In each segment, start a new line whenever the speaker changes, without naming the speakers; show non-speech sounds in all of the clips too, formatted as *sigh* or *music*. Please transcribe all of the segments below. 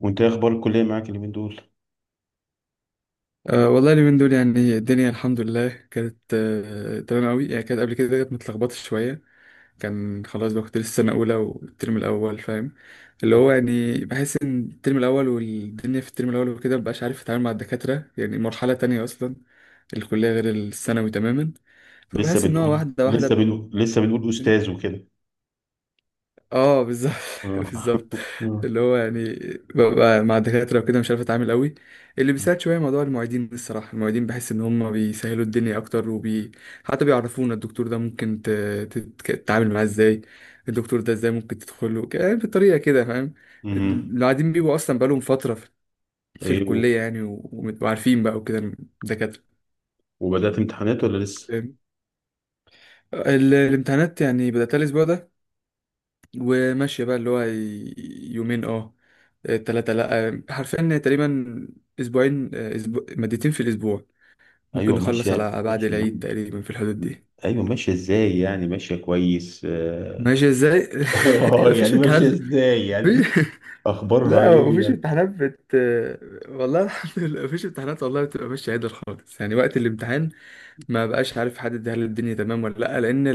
وانت ايه اخبار الكليه معاك اليومين دول؟
أه والله اليومين دول يعني الدنيا الحمد لله كانت تمام قوي يعني كانت قبل كده كانت متلخبطة شوية. كان خلاص بقى كنت لسه سنة أولى والترم الأول فاهم اللي هو يعني بحس إن الترم الأول والدنيا في الترم الأول وكده مبقاش عارف أتعامل مع الدكاترة يعني مرحلة تانية أصلا. الكلية غير الثانوي تماما.
لسه
فبحس إن هو
بنقول
واحدة
لسه
واحدة.
بنقول لسه بنقول استاذ وكده.
اه، بالظبط. *laughs*
آه.
بالظبط.
*laughs* آه.
اللي هو يعني ببقى مع الدكاترة وكده مش عارف اتعامل قوي. اللي بيساعد شوية موضوع المعيدين، الصراحة المعيدين بحس ان هم بيسهلوا الدنيا اكتر حتى بيعرفونا الدكتور ده ممكن تتعامل معاه ازاي، الدكتور ده ازاي ممكن تدخله يعني بالطريقة كده فاهم.
مم.
القاعدين بيبقوا اصلا بقالهم فترة في
ايه،
الكلية يعني وعارفين بقى وكده الدكاترة.
وبدات امتحانات ولا لسه؟
فاهم؟ الامتحانات يعني بدأت الأسبوع ده وماشية بقى اللي هو يومين، تلاتة لأ، حرفيا تقريبا أسبوعين، أسبوع مادتين في الأسبوع. ممكن
ايوه،
نخلص
ماشيه
على بعد
ماشي يا
العيد
عم.
تقريبا في الحدود دي.
ايوه، ماشيه ازاي يعني؟ ماشيه كويس، اه.
ماشي ازاي؟ *laughs*
*laughs* آه،
مفيش
يعني ماشيه
امتحانات.
ازاي يعني؟
مفيش... *laughs*
اخبارها
لا
ايه
مفيش
يعني؟
امتحانات بت. والله الحمد لله مفيش امتحانات والله، بتبقى ماشية عدل خالص يعني وقت الامتحان. ما بقاش عارف حد، هل الدنيا تمام ولا لأ،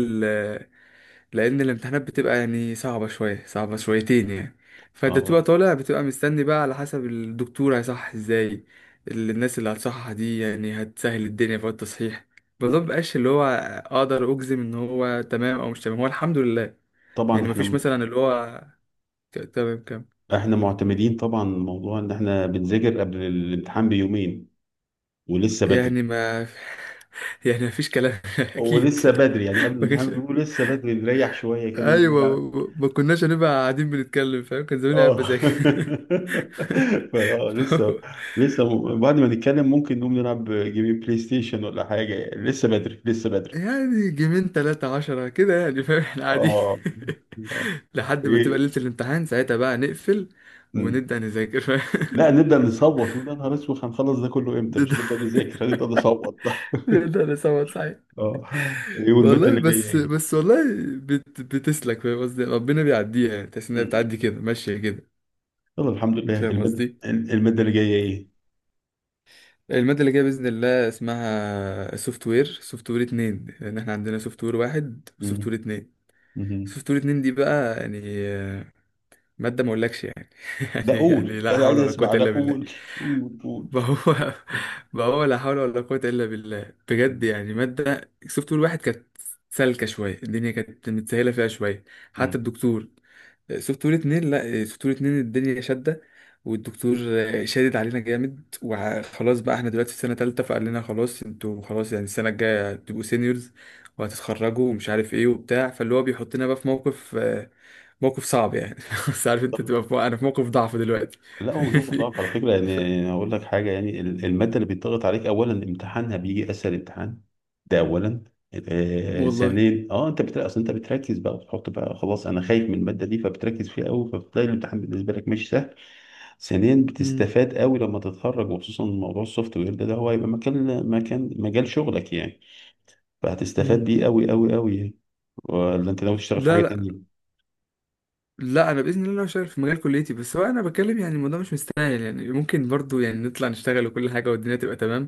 لان الامتحانات بتبقى يعني صعبه شويه صعبه شويتين يعني. فانت بتبقى
اه،
طالع بتبقى مستني بقى على حسب الدكتور هيصحح ازاي. الناس اللي هتصحح دي يعني هتسهل الدنيا في التصحيح. الموضوع مبقاش اللي هو اقدر اجزم ان هو تمام او مش تمام، هو الحمد لله.
طبعا
يعني مفيش مثلا اللي هو تمام كام.
احنا معتمدين طبعا موضوع ان احنا بنذاكر قبل الامتحان بيومين ولسه بدري.
يعني ما *laughs* يعني مفيش كلام *laughs* اكيد.
ولسه بدري يعني قبل
ما
الامتحان
كانش
بيومين
*laughs*
ولسه بدري نريح شويه كده.
ايوه، ما كناش هنبقى قاعدين بنتكلم فاهم، كان زماني قاعد
اه. *laughs*
بذاكر.
فا لسه،
*laughs*
لسه بعد ما نتكلم ممكن نقوم نلعب جيمين بلاي ستيشن ولا حاجة، لسه بدري لسه بدري.
يعني جيمين تلاتة عشرة كده يعني فاهم، احنا قاعدين
اه. آه.
*laughs* لحد ما تبقى
ايه.
ليلة الامتحان ساعتها بقى نقفل
مم.
ونبدأ نذاكر فاهم.
لا،
*laughs*
نبدأ نصوت نقول يا نهار اسود هنخلص ده كله امتى؟ مش
ده
هنبدأ نذاكر، هنبدأ نصوت. *laughs*
ده انا 7 ساعات.
اه. ايه، والمادة
والله،
اللي جاية
بس
ايه؟
بس والله بتسلك فاهم قصدي، ربنا بيعديها يعني، تحس انها
مم.
بتعدي كده ماشية كده
يلا الحمد لله.
فاهم
المادة،
قصدي.
اللي جاية ايه؟
المادة اللي جاية بإذن الله اسمها سوفت وير، سوفت وير اتنين، لأن احنا عندنا سوفت وير واحد وسوفت
مم.
وير اتنين.
مم.
سوفت وير اتنين دي بقى يعني آه، مادة ما اقولكش يعني *laughs*
ده
يعني
قول،
لا
انا عايز
حول ولا قوة
اسمع، ده
إلا بالله.
قول. قول
*laughs*
قول.
ما هو ما هو لا حول ولا قوة إلا بالله بجد يعني. مادة سوفت وير واحد كانت سالكة شوية، الدنيا كانت متسهلة فيها شوية حتى
مم.
الدكتور. سوفت وير اتنين، لا سوفت وير اتنين الدنيا شادة والدكتور شادد علينا جامد. وخلاص بقى احنا دلوقتي في سنة تالتة، فقال لنا خلاص انتوا خلاص يعني السنة الجاية هتبقوا سينيورز وهتتخرجوا ومش عارف ايه وبتاع، فاللي هو بيحطنا بقى في موقف، موقف صعب يعني. *laughs* بس عارف انت تبقى انا في موقف ضعف دلوقتي. *laughs*
لا، هو مش ممكن
فاهمني؟
ضغط، على فكره. يعني،
ف-
اقول لك حاجه. يعني الماده اللي بيتضغط عليك اولا امتحانها بيجي اسهل امتحان. ده اولا. آه،
والله.
ثانيا، اه، انت بتلاقي، اصل انت بتركز بقى وبتحط بقى خلاص انا خايف من الماده دي فبتركز فيها قوي فبتلاقي الامتحان بالنسبه لك ماشي سهل. ثانيا
مم.
بتستفاد قوي لما تتخرج، وخصوصا موضوع السوفت وير ده، ده هو هيبقى مكان مكان مجال شغلك يعني. فهتستفاد
مم.
بيه قوي قوي قوي يعني. ولا انت ناوي تشتغل في
لا،
حاجه
لا،
تانيه؟
لا، انا باذن الله شغال في مجال كليتي، بس هو انا بتكلم يعني الموضوع مش مستاهل يعني، ممكن برضو يعني نطلع نشتغل وكل حاجه والدنيا تبقى تمام،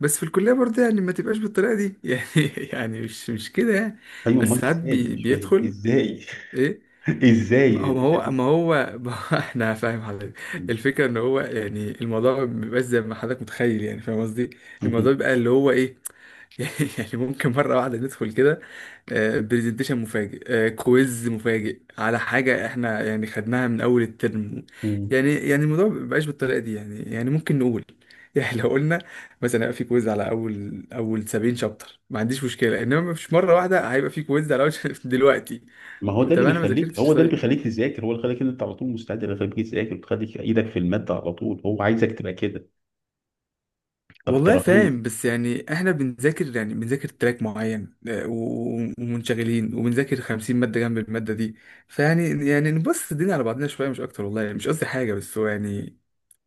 بس في الكليه برضو يعني ما تبقاش بالطريقه دي *laughs* يعني يعني مش كده يعني.
ايوه،
بس
امال
ساعات
ازاي؟ مش فاهم
بيدخل
ازاي.
ايه.
*laughs*
ما
ازاي
هو
انت
ما
شايف؟
هو ما هو ما هو- *laughs* احنا فاهم حضرتك. الفكره ان هو يعني الموضوع ما بيبقاش زي ما حضرتك متخيل يعني فاهم قصدي. الموضوع بيبقى اللي هو ايه *laughs* يعني ممكن مرة واحدة ندخل كده برزنتيشن مفاجئ، كويز مفاجئ على حاجة احنا يعني خدناها من أول الترم.
*laughs*
يعني يعني الموضوع مبقاش بالطريقة دي، يعني يعني ممكن نقول *laughs* يعني لو قلنا مثلا هيبقى في كويز على أول 70 شابتر ما عنديش مشكلة، إنما مش مرة واحدة هيبقى في كويز على أول *laughs* شابتر دلوقتي.
ما هو ده
طب
اللي
أنا ما
بيخليك هو
ذاكرتش
ده اللي
طيب.
بيخليك تذاكر، هو اللي خليك ان انت على طول مستعد، اللي بيخليك تذاكر، بتخليك ايدك في الماده على طول. هو عايزك تبقى كده. طب
والله
تراهن.
فاهم، بس يعني احنا بنذاكر يعني بنذاكر تراك معين، ومنشغلين وبنذاكر 50 مادة جنب المادة دي. فيعني يعني نبص الدنيا على بعضنا شوية مش أكتر، والله يعني مش قصدي حاجة، بس هو يعني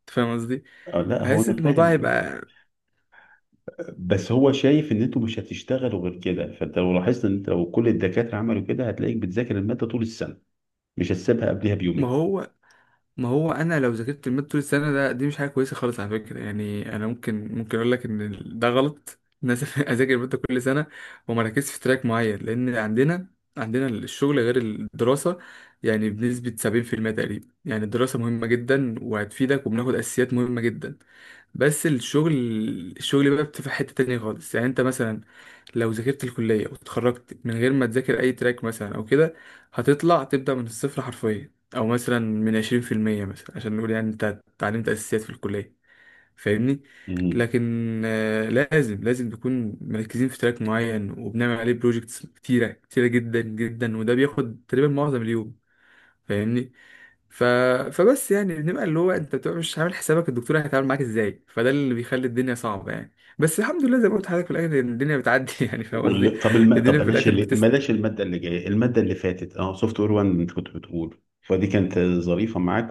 أنت فاهم قصدي.
آه، لا، هو
بحس إن
انا
الموضوع
فاهم.
هيبقى.
بس هو شايف ان انتوا مش هتشتغلوا غير كده. فانت لو لاحظت ان انت لو كل الدكاتره عملوا كده هتلاقيك بتذاكر الماده طول السنه، مش هتسيبها قبلها
ما
بيومين.
هو ما هو انا لو ذاكرت الماده طول السنه، ده دي مش حاجه كويسه خالص على فكره. يعني انا ممكن، ممكن اقول لك ان ده غلط ان انا *laughs* اذاكر الماده كل سنه وما ركزش في تراك معين، لان عندنا الشغل غير الدراسه، يعني بنسبه 70% تقريبا يعني. الدراسه مهمه جدا وهتفيدك وبناخد اساسيات مهمه جدا. بس الشغل، الشغل بقى بتبقى حته تانية خالص. يعني انت مثلا لو ذاكرت الكلية واتخرجت من غير ما تذاكر أي تراك مثلا أو كده هتطلع تبدأ من الصفر حرفيا، أو مثلا من 20% مثلا عشان نقول يعني أنت اتعلمت أساسيات في الكلية فاهمني.
مم.
لكن لازم، لازم نكون مركزين في تراك معين وبنعمل عليه بروجيكتس كتيرة كتيرة جدا جدا، وده بياخد تقريبا معظم اليوم فاهمني. ف... فبس يعني بنبقى اللي هو انت بتبقى مش عامل حسابك الدكتور هيتعامل معاك ازاي، فده اللي بيخلي الدنيا صعبه يعني. بس الحمد لله زي ما قلت لحضرتك في الاخر الدنيا بتعدي *laughs* يعني فاهم قصدي.
وال... طب الم... طب
الدنيا في
بلاش
الاخر
اللي... بلاش الماده اللي جايه الماده اللي فاتت، اه، سوفت وير 1، انت كنت بتقول فدي كانت ظريفه معاك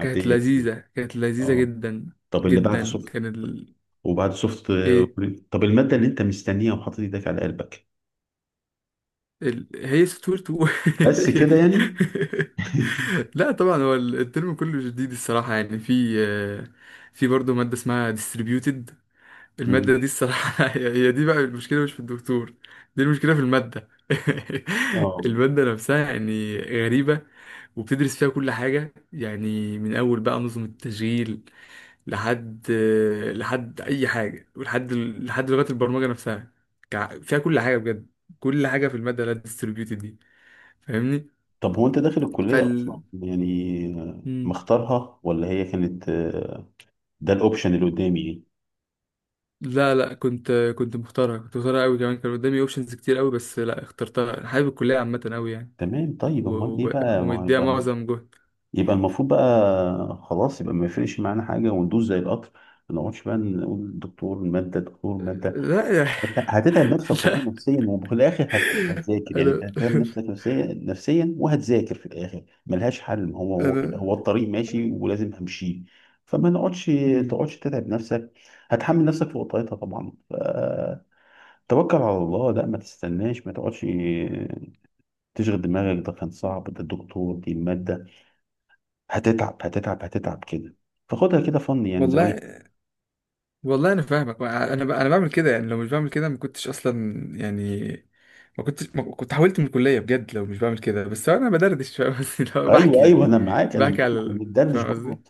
كانت
تمام.
لذيذه، كانت لذيذه
اه.
جدا
طب اللي بعد،
جدا. كان
وبعد سوفت
ايه،
طب المادة اللي انت مستنيها وحاطط ايدك على قلبك،
هي سطور تو.
بس
*laughs* هي
كده
دي.
يعني.
*laughs* لا طبعا، هو الترم كله جديد الصراحه يعني. في برضه ماده اسمها distributed. المادة
مهم.
دي الصراحة *laughs* هي هي دي بقى المشكلة مش في الدكتور، دي المشكلة في المادة.
اه،
*laughs* المادة نفسها يعني غريبة وبتدرس فيها كل حاجة يعني، من أول بقى نظم التشغيل لحد أي حاجة ولحد لغات البرمجة نفسها. فيها كل حاجة بجد، كل حاجة في المادة لا ديستريبيوتد دي فاهمني.
طب هو انت داخل الكلية
فال
اصلا يعني، آه،
مم.
مختارها ولا هي كانت، آه، ده الاوبشن اللي قدامي يعني؟
لا، لا، كنت، كنت مختارها، كنت مختارها قوي كمان. كان قدامي اوبشنز كتير قوي، بس لا، اخترتها، أنا حابب الكلية عامة قوي يعني.
تمام. طيب
و-
امال ايه بقى؟ ما هو
ومديها
يبقى،
معظم جهد.
يبقى المفروض بقى خلاص يبقى ما يفرقش معانا حاجة وندوس زي القطر. ما نقعدش بقى نقول دكتور مادة دكتور مادة.
لا يا
هتتعب نفسك والله نفسيا، وفي الاخر
*laughs* لا
هتذاكر. يعني
انا،
انت هتتعب نفسك نفسيا نفسيا وهتذاكر في الاخر، ملهاش حل. هو كده، هو
انا.
الطريق ماشي ولازم همشيه. فما نقعدش،
مم.
تقعدش تتعب نفسك، هتحمل نفسك فوقيتها طبعا. فتوكل على الله، لا ما تستناش ما تقعدش تشغل دماغك ده كان صعب ده الدكتور دي المادة، هتتعب هتتعب هتتعب كده. فخدها كده فن، يعني
والله،
زاوية.
والله انا فاهمك. انا، انا بعمل كده يعني، لو مش بعمل كده ما كنتش اصلا يعني، ما كنتش، ما كنت حاولت من الكليه بجد لو مش بعمل كده. بس انا بدردش فاهم قصدي، لو بحكي
ايوه، ايوه،
يعني
انا معاك، انا
بحكي
معاك.
على
احنا بندردش
فاهم
برضه.
قصدي.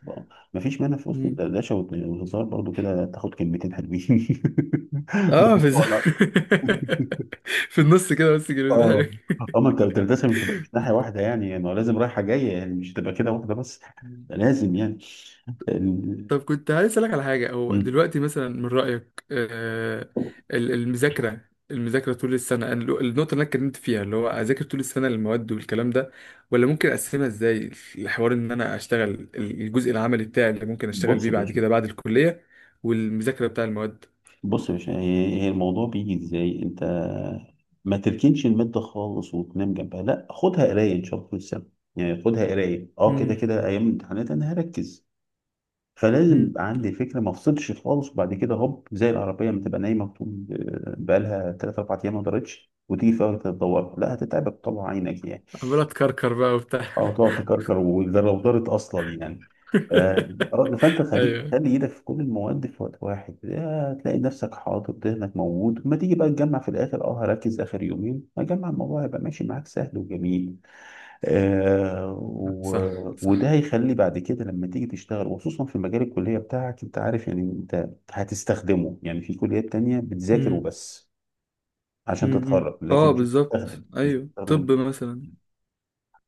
ما فيش مانع في وسط
مم.
الدردشه والهزار برضه كده تاخد كلمتين حلوين. *laughs* من
اه،
بتوع الع-
*laughs* في النص كده بس كده.
اه. اما انت الدردشه مش تبقى، مش ناحيه واحده يعني. لازم رايحه جايه، يعني مش تبقى كده واحده بس. لازم يعني ال-
طب كنت عايز اسالك على حاجه، هو
م.
دلوقتي مثلا من رايك، المذاكره، المذاكره طول السنه، أنا النقطه اللي انا اتكلمت فيها اللي هو اذاكر طول السنه المواد والكلام ده، ولا ممكن اقسمها ازاي، الحوار ان انا اشتغل الجزء العملي بتاعي اللي ممكن اشتغل
بص
بيه
يا
بعد
باشا.
كده بعد الكليه، والمذاكره بتاع المواد.
بص يا باشا، هي الموضوع بيجي ازاي؟ انت ما تركنش المادة خالص وتنام جنبها، لا، خدها قراية ان شاء الله في السنة. يعني خدها قراية، اه، كده
امم.
كده، ايام الامتحانات انا هركز. فلازم
امم.
يبقى عندي فكره، ما افصلش خالص، وبعد كده هوب زي العربيه ما تبقى نايمه طول، آه، بقالها 3 4 ايام ما دارتش وتيجي في وقت تدور، لا هتتعبك طبعا عينك يعني.
عمال اتكركر بقى وبتاع.
اه، تقعد تكركر، وده لو دارت اصلا يعني. آه،
*laughs*
فانت
ايوه،
خلي ايدك في كل المواد في وقت واحد. آه، هتلاقي نفسك حاطط ذهنك موجود. ما تيجي بقى تجمع في الاخر، اه، هركز اخر يومين هجمع، الموضوع هيبقى ماشي معاك سهل وجميل. آه،
صح
وده
صح.
هيخلي بعد كده لما تيجي تشتغل، وخصوصا في مجال الكلية بتاعك. انت عارف يعني، انت هتستخدمه. يعني في كليات تانية بتذاكر
امم.
وبس عشان
امم،
تتخرج، لكن
اه
مش هتستخدم
بالظبط،
مش
ايوه
هتستخدم.
طب مثلا.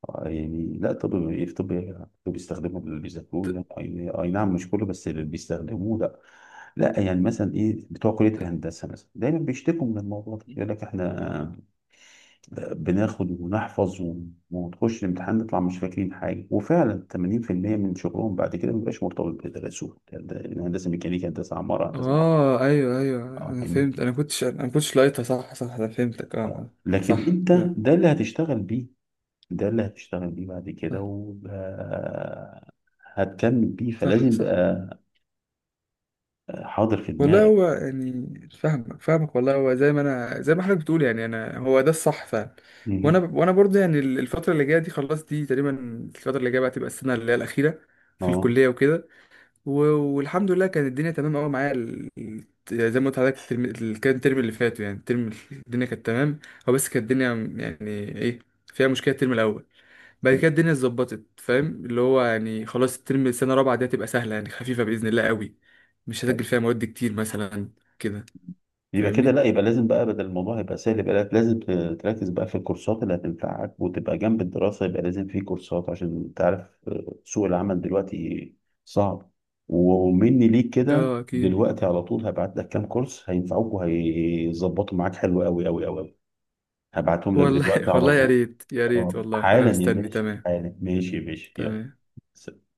آه، يعني لا، طب ايه في طب إيه؟ طب بيستخدموا اللي بيذاكروه؟ لا، اي أي نعم، مش كله، بس اللي بيستخدموه لا. لا، يعني مثلا ايه، بتوع كلية الهندسة مثلا دايما بيشتكوا من الموضوع ده. يقول لك احنا بناخد ونحفظ وتخش الامتحان نطلع مش فاكرين حاجة. وفعلا 80% من شغلهم بعد كده مبيبقاش مرتبط بدراسوه. هندسة ميكانيكا، هندسة عمارة، هندسة معرفة.
اه، ايوه، ايوه،
اه،
انا
فاهمني؟
فهمت، انا كنتش، انا كنتش لاقيتها. صح صح انا فهمتك
اه،
اه.
لكن
صح.
انت،
لا
ده اللي هتشتغل بيه، ده اللي هتشتغل بيه بعد كده
صح
وهتكمل بيه.
صح
فلازم
صح.
يبقى حاضر في
والله
دماغك.
هو يعني فاهمك فاهمك، والله هو زي ما انا، زي ما حضرتك بتقول يعني انا هو ده الصح فعلا. وانا
مهم.
وانا برضه يعني الفتره اللي جايه دي خلاص دي تقريبا، الفتره اللي جايه بقى تبقى السنه اللي هي الاخيره في
اه،
الكليه وكده. و- والحمد لله كانت الدنيا تمام قوي معايا زي ما قلت لحضرتك الترم كان الترم اللي فات يعني الترم الدنيا كانت تمام. هو بس كانت الدنيا يعني ايه فيها مشكله الترم الاول، بعد كده الدنيا اتظبطت فاهم اللي هو يعني خلاص الترم السنه الرابعه دي هتبقى سهله يعني خفيفه باذن الله قوي، مش هسجل فيها مواد كتير مثلا كده
يبقى كده
فاهمني.
لا، يبقى لازم بقى بدل الموضوع يبقى سهل، يبقى لازم تركز بقى في الكورسات اللي هتنفعك وتبقى جنب الدراسة. يبقى لازم في كورسات عشان تعرف، آه، سوق العمل دلوقتي صعب. ومني ليك كده
اه اكيد.
دلوقتي على طول هبعت لك كام كورس هينفعوك وهيظبطوا معاك حلو قوي قوي قوي قوي. هبعتهم لك
والله
دلوقتي
*laughs*
على
والله يا
طول.
ريت يا ريت
آه،
والله انا
حالا يا
مستني
باشا،
تمام.
حالا. ماشي يا باشا، يلا.
تمام.
سلام.